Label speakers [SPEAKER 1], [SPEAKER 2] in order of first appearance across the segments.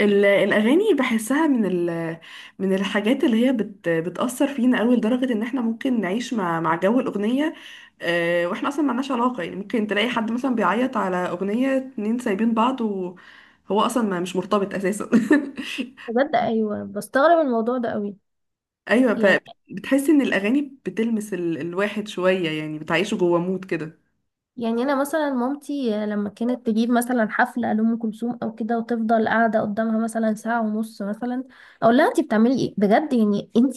[SPEAKER 1] الأغاني بحسها من من الحاجات اللي هي بتأثر فينا أوي لدرجة إن احنا ممكن نعيش مع مع جو الأغنية. آه، واحنا أصلا ملناش علاقة، يعني ممكن تلاقي حد مثلا بيعيط على أغنية اتنين سايبين بعض، وهو أصلا ما مش مرتبط أساسا.
[SPEAKER 2] بجد ايوه، بستغرب الموضوع ده قوي.
[SPEAKER 1] أيوة،
[SPEAKER 2] يعني
[SPEAKER 1] فبتحس إن الأغاني بتلمس الواحد شوية، يعني بتعيشه جوه مود كده.
[SPEAKER 2] يعني انا مثلا مامتي لما كانت تجيب مثلا حفله لام كلثوم او كده وتفضل قاعده قدامها مثلا ساعه ونص مثلا، اقول لها انت بتعملي ايه بجد؟ يعني انت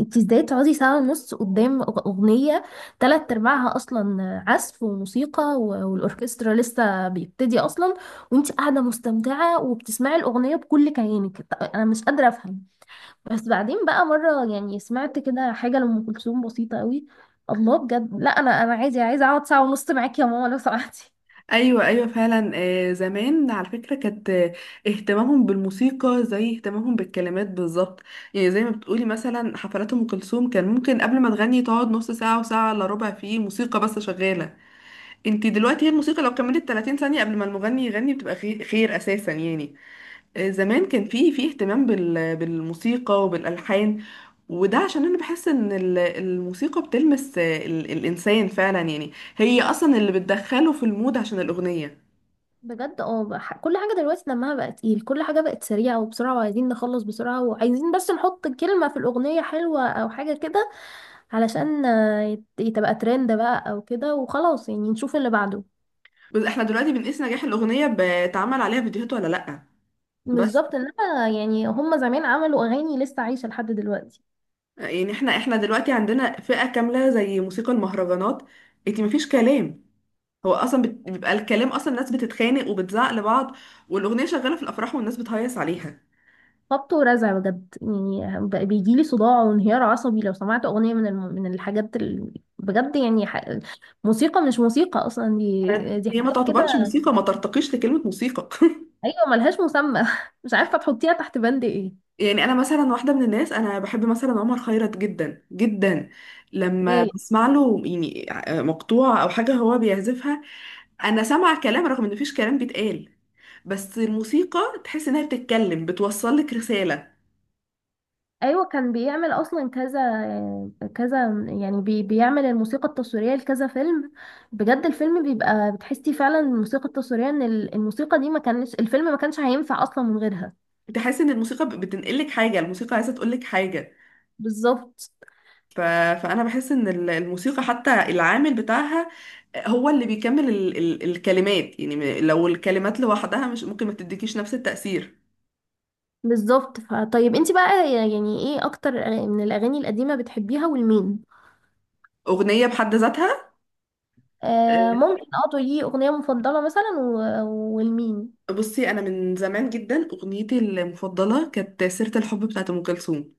[SPEAKER 2] انت ازاي تقعدي ساعه ونص قدام اغنيه تلات ارباعها اصلا عزف وموسيقى والاوركسترا لسه بيبتدي اصلا، وانت قاعده مستمتعه وبتسمعي الاغنيه بكل كيانك. انا مش قادره افهم. بس بعدين بقى مرة يعني سمعت كده حاجة لأم كلثوم بسيطة قوي، الله بجد. لا، أنا عايزة أقعد ساعة ونص معاكي يا ماما لو سمحتي.
[SPEAKER 1] ايوه ايوه فعلا. آه، زمان على فكره كانت، آه، اهتمامهم بالموسيقى زي اهتمامهم بالكلمات بالظبط. يعني زي ما بتقولي، مثلا حفلات ام كلثوم كان ممكن قبل ما تغني تقعد نص ساعه وساعه الا ربع فيه موسيقى بس شغاله. انت دلوقتي هي الموسيقى لو كملت 30 ثانيه قبل ما المغني يغني بتبقى خير، خير اساسا يعني. آه، زمان كان في اهتمام بالموسيقى وبالالحان. وده عشان انا بحس ان الموسيقى بتلمس، آه، الانسان فعلا، يعني هي اصلا اللي بتدخله في المود عشان الاغنيه.
[SPEAKER 2] بجد اه، كل حاجة دلوقتي دمها بقى تقيل، كل حاجة بقت سريعة وبسرعة وعايزين نخلص بسرعة وعايزين بس نحط كلمة في الأغنية حلوة أو حاجة كده، علشان تبقى ترند بقى أو كده وخلاص، يعني نشوف اللي بعده.
[SPEAKER 1] بس احنا دلوقتي بنقيس نجاح الأغنية بتعمل عليها فيديوهات ولا لأ. بس
[SPEAKER 2] بالظبط، إنما يعني هما زمان عملوا أغاني لسه عايشة لحد دلوقتي.
[SPEAKER 1] يعني احنا دلوقتي عندنا فئة كاملة زي موسيقى المهرجانات. انتي مفيش كلام. هو اصلا بيبقى الكلام اصلا الناس بتتخانق وبتزعق لبعض، والأغنية شغالة في الأفراح والناس بتهيص عليها.
[SPEAKER 2] خبط ورزع بجد، يعني بقى بيجيلي صداع وانهيار عصبي لو سمعت اغنيه من الم... من الحاجات ال... بجد يعني ح... موسيقى مش موسيقى اصلا، دي
[SPEAKER 1] هي ما
[SPEAKER 2] حاجات كده.
[SPEAKER 1] تعتبرش موسيقى، ما ترتقيش لكلمة موسيقى.
[SPEAKER 2] ايوه، ملهاش مسمى مش عارفه تحطيها تحت بند ايه.
[SPEAKER 1] يعني انا مثلا واحدة من الناس انا بحب مثلا عمر خيرت جدا جدا. لما
[SPEAKER 2] ايه.
[SPEAKER 1] بسمع له يعني مقطوعة او حاجة هو بيعزفها، انا سامعه كلام رغم ان مفيش كلام بيتقال، بس الموسيقى تحس انها بتتكلم بتوصل لك رساله.
[SPEAKER 2] ايوه، كان بيعمل اصلا كذا كذا، يعني بي... بيعمل الموسيقى التصويريه لكذا فيلم. بجد الفيلم بيبقى بتحسي فعلا الموسيقى التصويريه ان الموسيقى دي ما كانش الفيلم ما كانش هينفع اصلا من غيرها.
[SPEAKER 1] تحس ان الموسيقى بتنقل لك حاجه، الموسيقى عايزه تقول لك حاجه.
[SPEAKER 2] بالظبط.
[SPEAKER 1] ف... فانا بحس ان الموسيقى حتى العامل بتاعها هو اللي بيكمل الكلمات، يعني لو الكلمات لوحدها مش ممكن ما تديكيش نفس التاثير.
[SPEAKER 2] بالظبط، فطيب انت بقى يعني ايه اكتر من الاغاني القديمه بتحبيها والمين؟
[SPEAKER 1] اغنيه بحد ذاتها.
[SPEAKER 2] آه
[SPEAKER 1] أه،
[SPEAKER 2] ممكن اه تقولي اغنيه مفضله مثلا والمين؟
[SPEAKER 1] بصي، انا من زمان جدا اغنيتي المفضله كانت سيره الحب بتاعت ام كلثوم.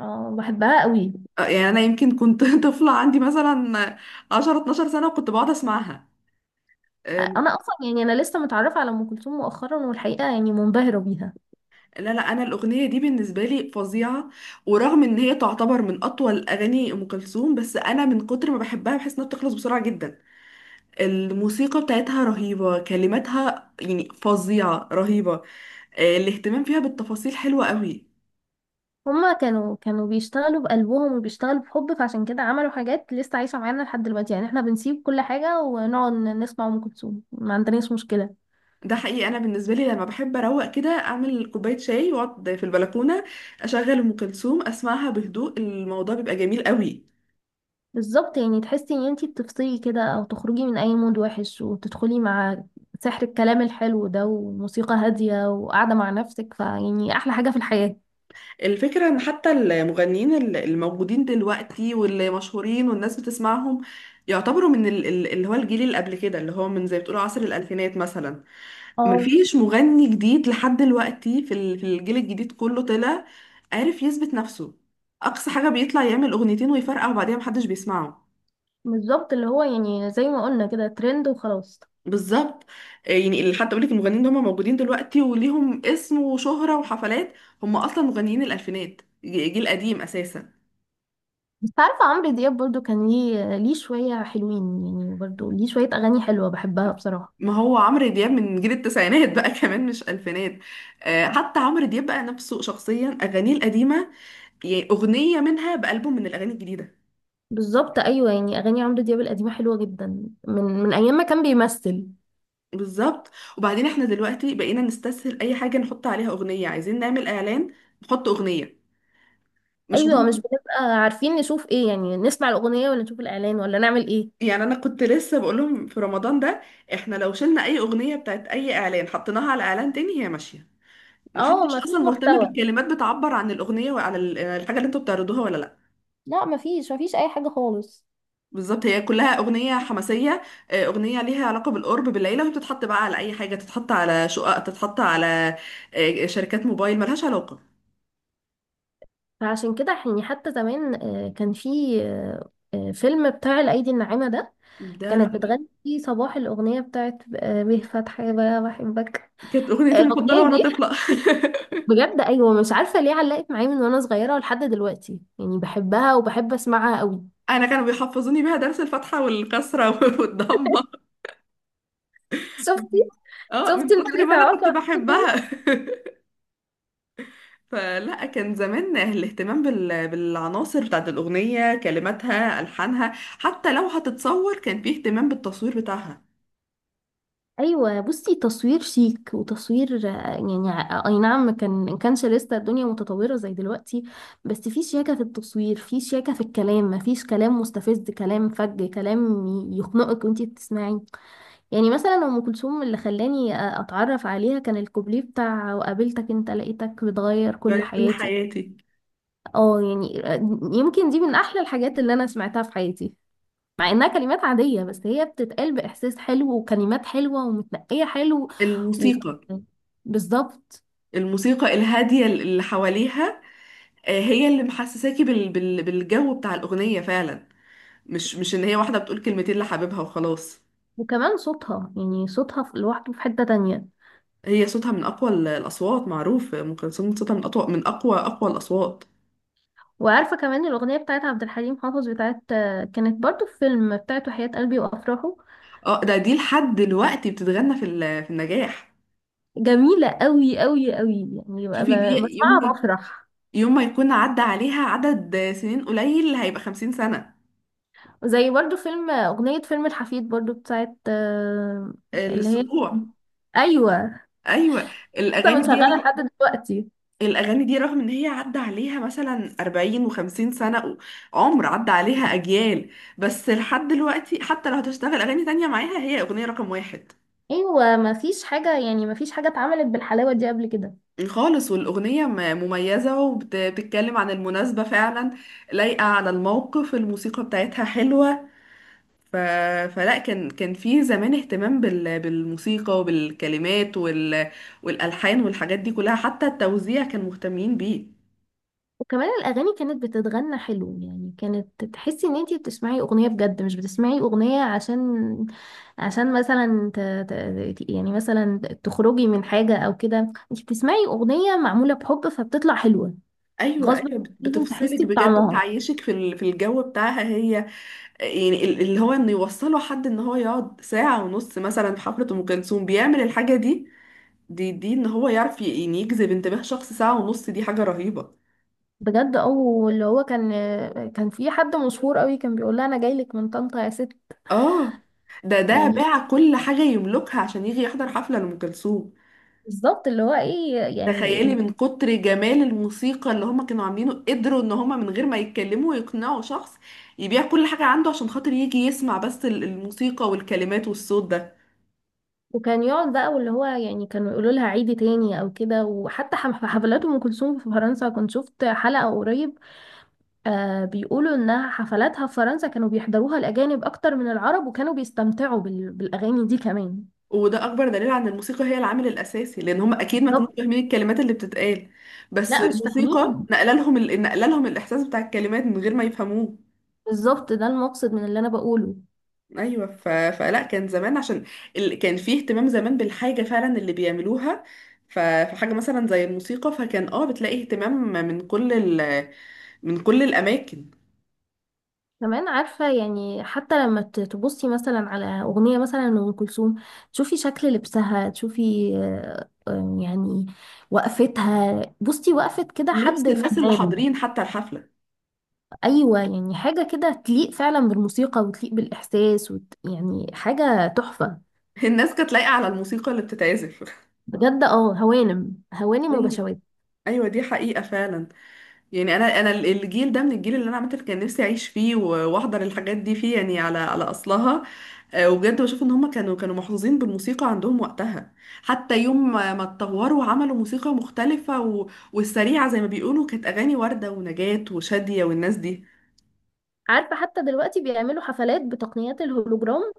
[SPEAKER 2] اه بحبها قوي.
[SPEAKER 1] آه، يعني انا يمكن كنت طفله، عندي مثلا 10 12 سنه وكنت بقعد اسمعها. أم،
[SPEAKER 2] انا اصلا يعني انا لسه متعرفه على ام كلثوم مؤخرا، والحقيقه يعني منبهره بيها.
[SPEAKER 1] لا لا، انا الاغنيه دي بالنسبه لي فظيعه. ورغم ان هي تعتبر من اطول اغاني ام كلثوم، بس انا من كتر ما بحبها بحس انها بتخلص بسرعه جدا. الموسيقى بتاعتها رهيبه، كلماتها يعني فظيعه رهيبه. آه، الاهتمام فيها بالتفاصيل حلوه قوي.
[SPEAKER 2] هما كانوا بيشتغلوا بقلبهم وبيشتغلوا بحب، فعشان كده عملوا حاجات لسه عايشه معانا لحد دلوقتي. يعني احنا بنسيب كل حاجه ونقعد نسمع ام كلثوم، ما عندناش مشكله.
[SPEAKER 1] ده حقيقي، انا بالنسبه لي لما بحب اروق كده اعمل كوبايه شاي واقعد في البلكونه، اشغل ام كلثوم اسمعها بهدوء، الموضوع بيبقى جميل قوي.
[SPEAKER 2] بالظبط، يعني تحسي ان انتي بتفصلي كده او تخرجي من اي مود وحش وتدخلي مع سحر الكلام الحلو ده وموسيقى هادية وقاعدة مع نفسك، فيعني احلى حاجة في الحياة.
[SPEAKER 1] الفكرة ان حتى المغنيين الموجودين دلوقتي واللي مشهورين والناس بتسمعهم يعتبروا من اللي هو الجيل اللي قبل كده، اللي هو من زي بتقولوا عصر الألفينات مثلا.
[SPEAKER 2] اه.
[SPEAKER 1] مفيش مغني جديد لحد دلوقتي في في الجيل الجديد كله طلع عارف يثبت نفسه. أقصى حاجة بيطلع يعمل أغنيتين ويفرقع وبعدين محدش بيسمعه.
[SPEAKER 2] بالظبط، اللي هو يعني زي ما قلنا كده ترند وخلاص.
[SPEAKER 1] بالظبط. آه، يعني اللي حتى أقولك، المغنيين اللي هم موجودين دلوقتي وليهم اسم وشهرة وحفلات، هم أصلا مغنيين الألفينات، جيل قديم أساسا.
[SPEAKER 2] بس عارفة عمرو دياب برضو كان ليه شوية حلوين، يعني برضو ليه شوية أغاني حلوة بحبها بصراحة.
[SPEAKER 1] ما هو عمرو دياب من جيل التسعينات بقى كمان، مش الفينات. آه، حتى عمرو دياب بقى نفسه شخصيا اغانيه القديمه، يعني اغنيه منها بألبوم من الاغاني الجديده.
[SPEAKER 2] بالظبط أيوة، يعني أغاني عمرو دياب القديمة حلوة جدا، من أيام ما كان بيمثل.
[SPEAKER 1] بالظبط. وبعدين احنا دلوقتي بقينا نستسهل اي حاجه، نحط عليها اغنيه. عايزين نعمل اعلان، نحط اغنيه، مش
[SPEAKER 2] أيوة، مش
[SPEAKER 1] مهم.
[SPEAKER 2] بنبقى عارفين نشوف إيه، يعني نسمع الأغنية ولا نشوف الإعلان ولا نعمل إيه.
[SPEAKER 1] يعني انا كنت لسه بقول لهم في رمضان ده، احنا لو شلنا اي اغنيه بتاعت اي اعلان حطيناها على اعلان تاني هي ماشيه،
[SPEAKER 2] اه
[SPEAKER 1] محدش
[SPEAKER 2] ما فيش
[SPEAKER 1] اصلا مهتم
[SPEAKER 2] محتوى،
[SPEAKER 1] بالكلمات بتعبر عن الاغنيه وعن الحاجه اللي انتوا بتعرضوها ولا لا.
[SPEAKER 2] لا ما فيش ما فيش اي حاجه خالص.
[SPEAKER 1] بالظبط، هي كلها أغنية حماسية. آه، أغنية ليها علاقة بالقرب بالليلة، وهي بتتحط بقى على أي حاجة، تتحط على شقق، تتحط على، آه، شركات موبايل، ملهاش علاقة.
[SPEAKER 2] فعشان كده يعني حتى زمان كان في فيلم بتاع الايدي الناعمه ده،
[SPEAKER 1] ده
[SPEAKER 2] كانت
[SPEAKER 1] رهيب.
[SPEAKER 2] بتغني فيه صباح الاغنيه بتاعت به فتحي بقى بحبك.
[SPEAKER 1] كانت أغنيتي المفضلة
[SPEAKER 2] الاغنيه
[SPEAKER 1] وأنا
[SPEAKER 2] دي
[SPEAKER 1] طفلة.
[SPEAKER 2] بجد ايوه، مش عارفه ليه علقت معايا من وانا صغيره لحد دلوقتي، يعني بحبها وبحب اسمعها قوي.
[SPEAKER 1] أنا كانوا بيحفظوني بيها درس الفتحة والكسرة والضمة،
[SPEAKER 2] شفتي.
[SPEAKER 1] اه
[SPEAKER 2] شفتي
[SPEAKER 1] من كتر ما
[SPEAKER 2] المنافع
[SPEAKER 1] أنا كنت
[SPEAKER 2] واقع.
[SPEAKER 1] بحبها. فلا، كان زمان الاهتمام بالعناصر بتاعت الأغنية، كلماتها ألحانها، حتى لو هتتصور كان فيه اهتمام بالتصوير بتاعها.
[SPEAKER 2] ايوه بصي، تصوير شيك وتصوير يعني اي نعم، كان ما كانش لسه الدنيا متطوره زي دلوقتي، بس في شياكه في التصوير، في شياكه في الكلام، ما فيش كلام مستفز، كلام فج، كلام يخنقك وانتي بتسمعي. يعني مثلا ام كلثوم اللي خلاني اتعرف عليها كان الكوبليه بتاع وقابلتك، انت لقيتك بتغير كل
[SPEAKER 1] يعني كل
[SPEAKER 2] حياتي.
[SPEAKER 1] حياتي.
[SPEAKER 2] اه يعني آه، يمكن دي من احلى الحاجات اللي انا سمعتها في حياتي، مع انها كلمات عادية، بس هي بتتقال بإحساس حلو وكلمات حلوة ومتنقية حلو. و...
[SPEAKER 1] الموسيقى،
[SPEAKER 2] بالظبط.
[SPEAKER 1] الموسيقى الهادية اللي حواليها، آه، هي اللي محسساكي بالجو بتاع الأغنية فعلا، مش إن هي واحدة بتقول كلمتين لحبيبها وخلاص.
[SPEAKER 2] وكمان صوتها، يعني صوتها لوحده في حتة تانية.
[SPEAKER 1] هي صوتها من أقوى الأصوات، معروف أم كلثوم صوتها من أقوى، أقوى الأصوات.
[SPEAKER 2] وعارفة كمان الأغنية بتاعت عبد الحليم حافظ بتاعت آه، كانت برضو في فيلم بتاعت وحياة قلبي وأفراحه.
[SPEAKER 1] اه، ده دي لحد دلوقتي بتتغنى في في النجاح.
[SPEAKER 2] جميلة قوي قوي قوي، يعني
[SPEAKER 1] شوفي دي. يوم ما-
[SPEAKER 2] بسمعها بفرح.
[SPEAKER 1] يوم ما يكون عدى عليها عدد سنين قليل هيبقى 50 سنة.
[SPEAKER 2] زي برضو فيلم أغنية فيلم الحفيد برضو بتاعت آه، اللي هي
[SPEAKER 1] السبوع.
[SPEAKER 2] أيوة،
[SPEAKER 1] أيوة.
[SPEAKER 2] لسه
[SPEAKER 1] الأغاني دي،
[SPEAKER 2] بنشغلها لحد دلوقتي.
[SPEAKER 1] الأغاني دي رغم إن هي عدى عليها مثلا 40 و50 سنة، عمر عدى عليها أجيال، بس لحد دلوقتي حتى لو هتشتغل أغاني تانية معاها هي أغنية رقم واحد
[SPEAKER 2] ايوه ما فيش حاجه، يعني ما فيش حاجه اتعملت بالحلاوه دي قبل كده.
[SPEAKER 1] خالص. والأغنية مميزة وبتتكلم عن المناسبة فعلا، لايقة على الموقف، الموسيقى بتاعتها حلوة. ف... فلا كان، كان في زمان اهتمام بالموسيقى وبالكلمات والألحان والحاجات دي كلها، حتى التوزيع كان مهتمين بيه.
[SPEAKER 2] وكمان الاغاني كانت بتتغنى حلو، يعني كانت تحسي ان انتي بتسمعي اغنيه بجد، مش بتسمعي اغنيه عشان مثلا ت... ت... يعني مثلا تخرجي من حاجه او كده. انتي بتسمعي اغنيه معموله بحب فبتطلع حلوه،
[SPEAKER 1] ايوه
[SPEAKER 2] غصب
[SPEAKER 1] ايوه،
[SPEAKER 2] عنك لازم
[SPEAKER 1] بتفصلك
[SPEAKER 2] تحسي
[SPEAKER 1] بجد،
[SPEAKER 2] بطعمها.
[SPEAKER 1] بتعيشك في في الجو بتاعها هي. يعني اللي هو انه يوصله حد ان هو يقعد ساعه ونص مثلا في حفله ام كلثوم بيعمل الحاجه دي، دي ان هو يعرف يعني يجذب انتباه شخص ساعه ونص، دي حاجه رهيبه.
[SPEAKER 2] بجد، او اللي هو كان في حد مشهور قوي كان بيقول لها انا جاي لك من طنطا يا ست.
[SPEAKER 1] اه، ده
[SPEAKER 2] يعني
[SPEAKER 1] باع كل حاجه يملكها عشان يجي يحضر حفله لام كلثوم.
[SPEAKER 2] بالظبط، اللي هو ايه يعني.
[SPEAKER 1] تخيلي من كتر جمال الموسيقى اللي هما كانوا عاملينه قدروا ان هما من غير ما يتكلموا يقنعوا شخص يبيع كل حاجه عنده عشان خاطر يجي يسمع بس الموسيقى والكلمات والصوت ده.
[SPEAKER 2] وكان يقعد بقى واللي هو يعني كانوا يقولوا لها عيدي تاني او كده. وحتى في حفلات ام كلثوم في فرنسا كنت شفت حلقة قريب، آه بيقولوا انها حفلاتها في فرنسا كانوا بيحضروها الاجانب اكتر من العرب، وكانوا بيستمتعوا بال... بالاغاني دي كمان.
[SPEAKER 1] وده اكبر دليل عن الموسيقى هي العامل الاساسي، لان هم اكيد ما كانوش
[SPEAKER 2] بالظبط.
[SPEAKER 1] فاهمين الكلمات اللي بتتقال، بس
[SPEAKER 2] لا مش
[SPEAKER 1] الموسيقى
[SPEAKER 2] فاهمين.
[SPEAKER 1] نقل لهم نقل لهم الاحساس بتاع الكلمات من غير ما يفهموه.
[SPEAKER 2] بالظبط، ده المقصد من اللي انا بقوله.
[SPEAKER 1] ايوه. فلا كان زمان عشان كان فيه اهتمام زمان بالحاجه فعلا اللي بيعملوها. فحاجه مثلا زي الموسيقى فكان اه بتلاقي اهتمام من كل ال... من كل الاماكن.
[SPEAKER 2] كمان عارفة، يعني حتى لما تبصي مثلا على أغنية مثلا لأم كلثوم تشوفي شكل لبسها، تشوفي يعني وقفتها، بصي وقفة كده
[SPEAKER 1] لبس
[SPEAKER 2] حد
[SPEAKER 1] الناس اللي
[SPEAKER 2] فنان.
[SPEAKER 1] حاضرين حتى الحفله،
[SPEAKER 2] أيوة يعني حاجة كده تليق فعلا بالموسيقى وتليق بالإحساس وت... يعني حاجة تحفة.
[SPEAKER 1] الناس كانت لايقه على الموسيقى اللي بتتعزف.
[SPEAKER 2] بجد اه، هوانم هوانم
[SPEAKER 1] ايوه،
[SPEAKER 2] وبشوات.
[SPEAKER 1] ايوه دي حقيقه فعلا. يعني انا الجيل ده، من الجيل اللي انا عامه كان نفسي اعيش فيه واحضر الحاجات دي فيه، يعني على على اصلها. آه، وبجد بشوف ان هم كانوا محظوظين بالموسيقى عندهم وقتها. حتى يوم ما اتطوروا وعملوا موسيقى مختلفه والسريعه زي ما بيقولوا، كانت اغاني ورده ونجاة وشاديه والناس دي.
[SPEAKER 2] عارفة حتى دلوقتي بيعملوا حفلات بتقنيات الهولوجرام،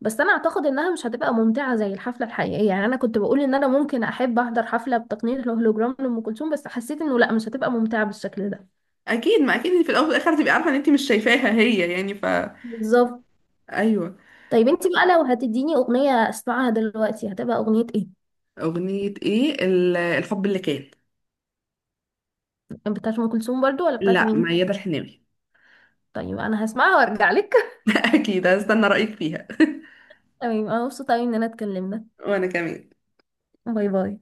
[SPEAKER 2] بس انا اعتقد انها مش هتبقى ممتعة زي الحفلة الحقيقية. يعني انا كنت بقول ان انا ممكن احب احضر حفلة بتقنية الهولوجرام لأم كلثوم، بس حسيت انه لا مش هتبقى ممتعة بالشكل ده.
[SPEAKER 1] اكيد، ما اكيد إن في الاول والاخر تبقي عارفه ان انت مش شايفاها هي يعني.
[SPEAKER 2] بالظبط.
[SPEAKER 1] ايوه.
[SPEAKER 2] طيب انتي بقى لو هتديني اغنية اسمعها دلوقتي هتبقى اغنية ايه؟
[SPEAKER 1] اغنيه ايه؟ الحب اللي كان.
[SPEAKER 2] بتاعت ام كلثوم برضو ولا بتاعت
[SPEAKER 1] لا،
[SPEAKER 2] مين؟
[SPEAKER 1] ميادة الحناوي.
[SPEAKER 2] طيب انا هسمعها وارجع لك.
[SPEAKER 1] اكيد هستنى رايك فيها.
[SPEAKER 2] تمام، انا مبسوطة أوي ان انا اتكلمنا.
[SPEAKER 1] وانا كمان.
[SPEAKER 2] باي باي.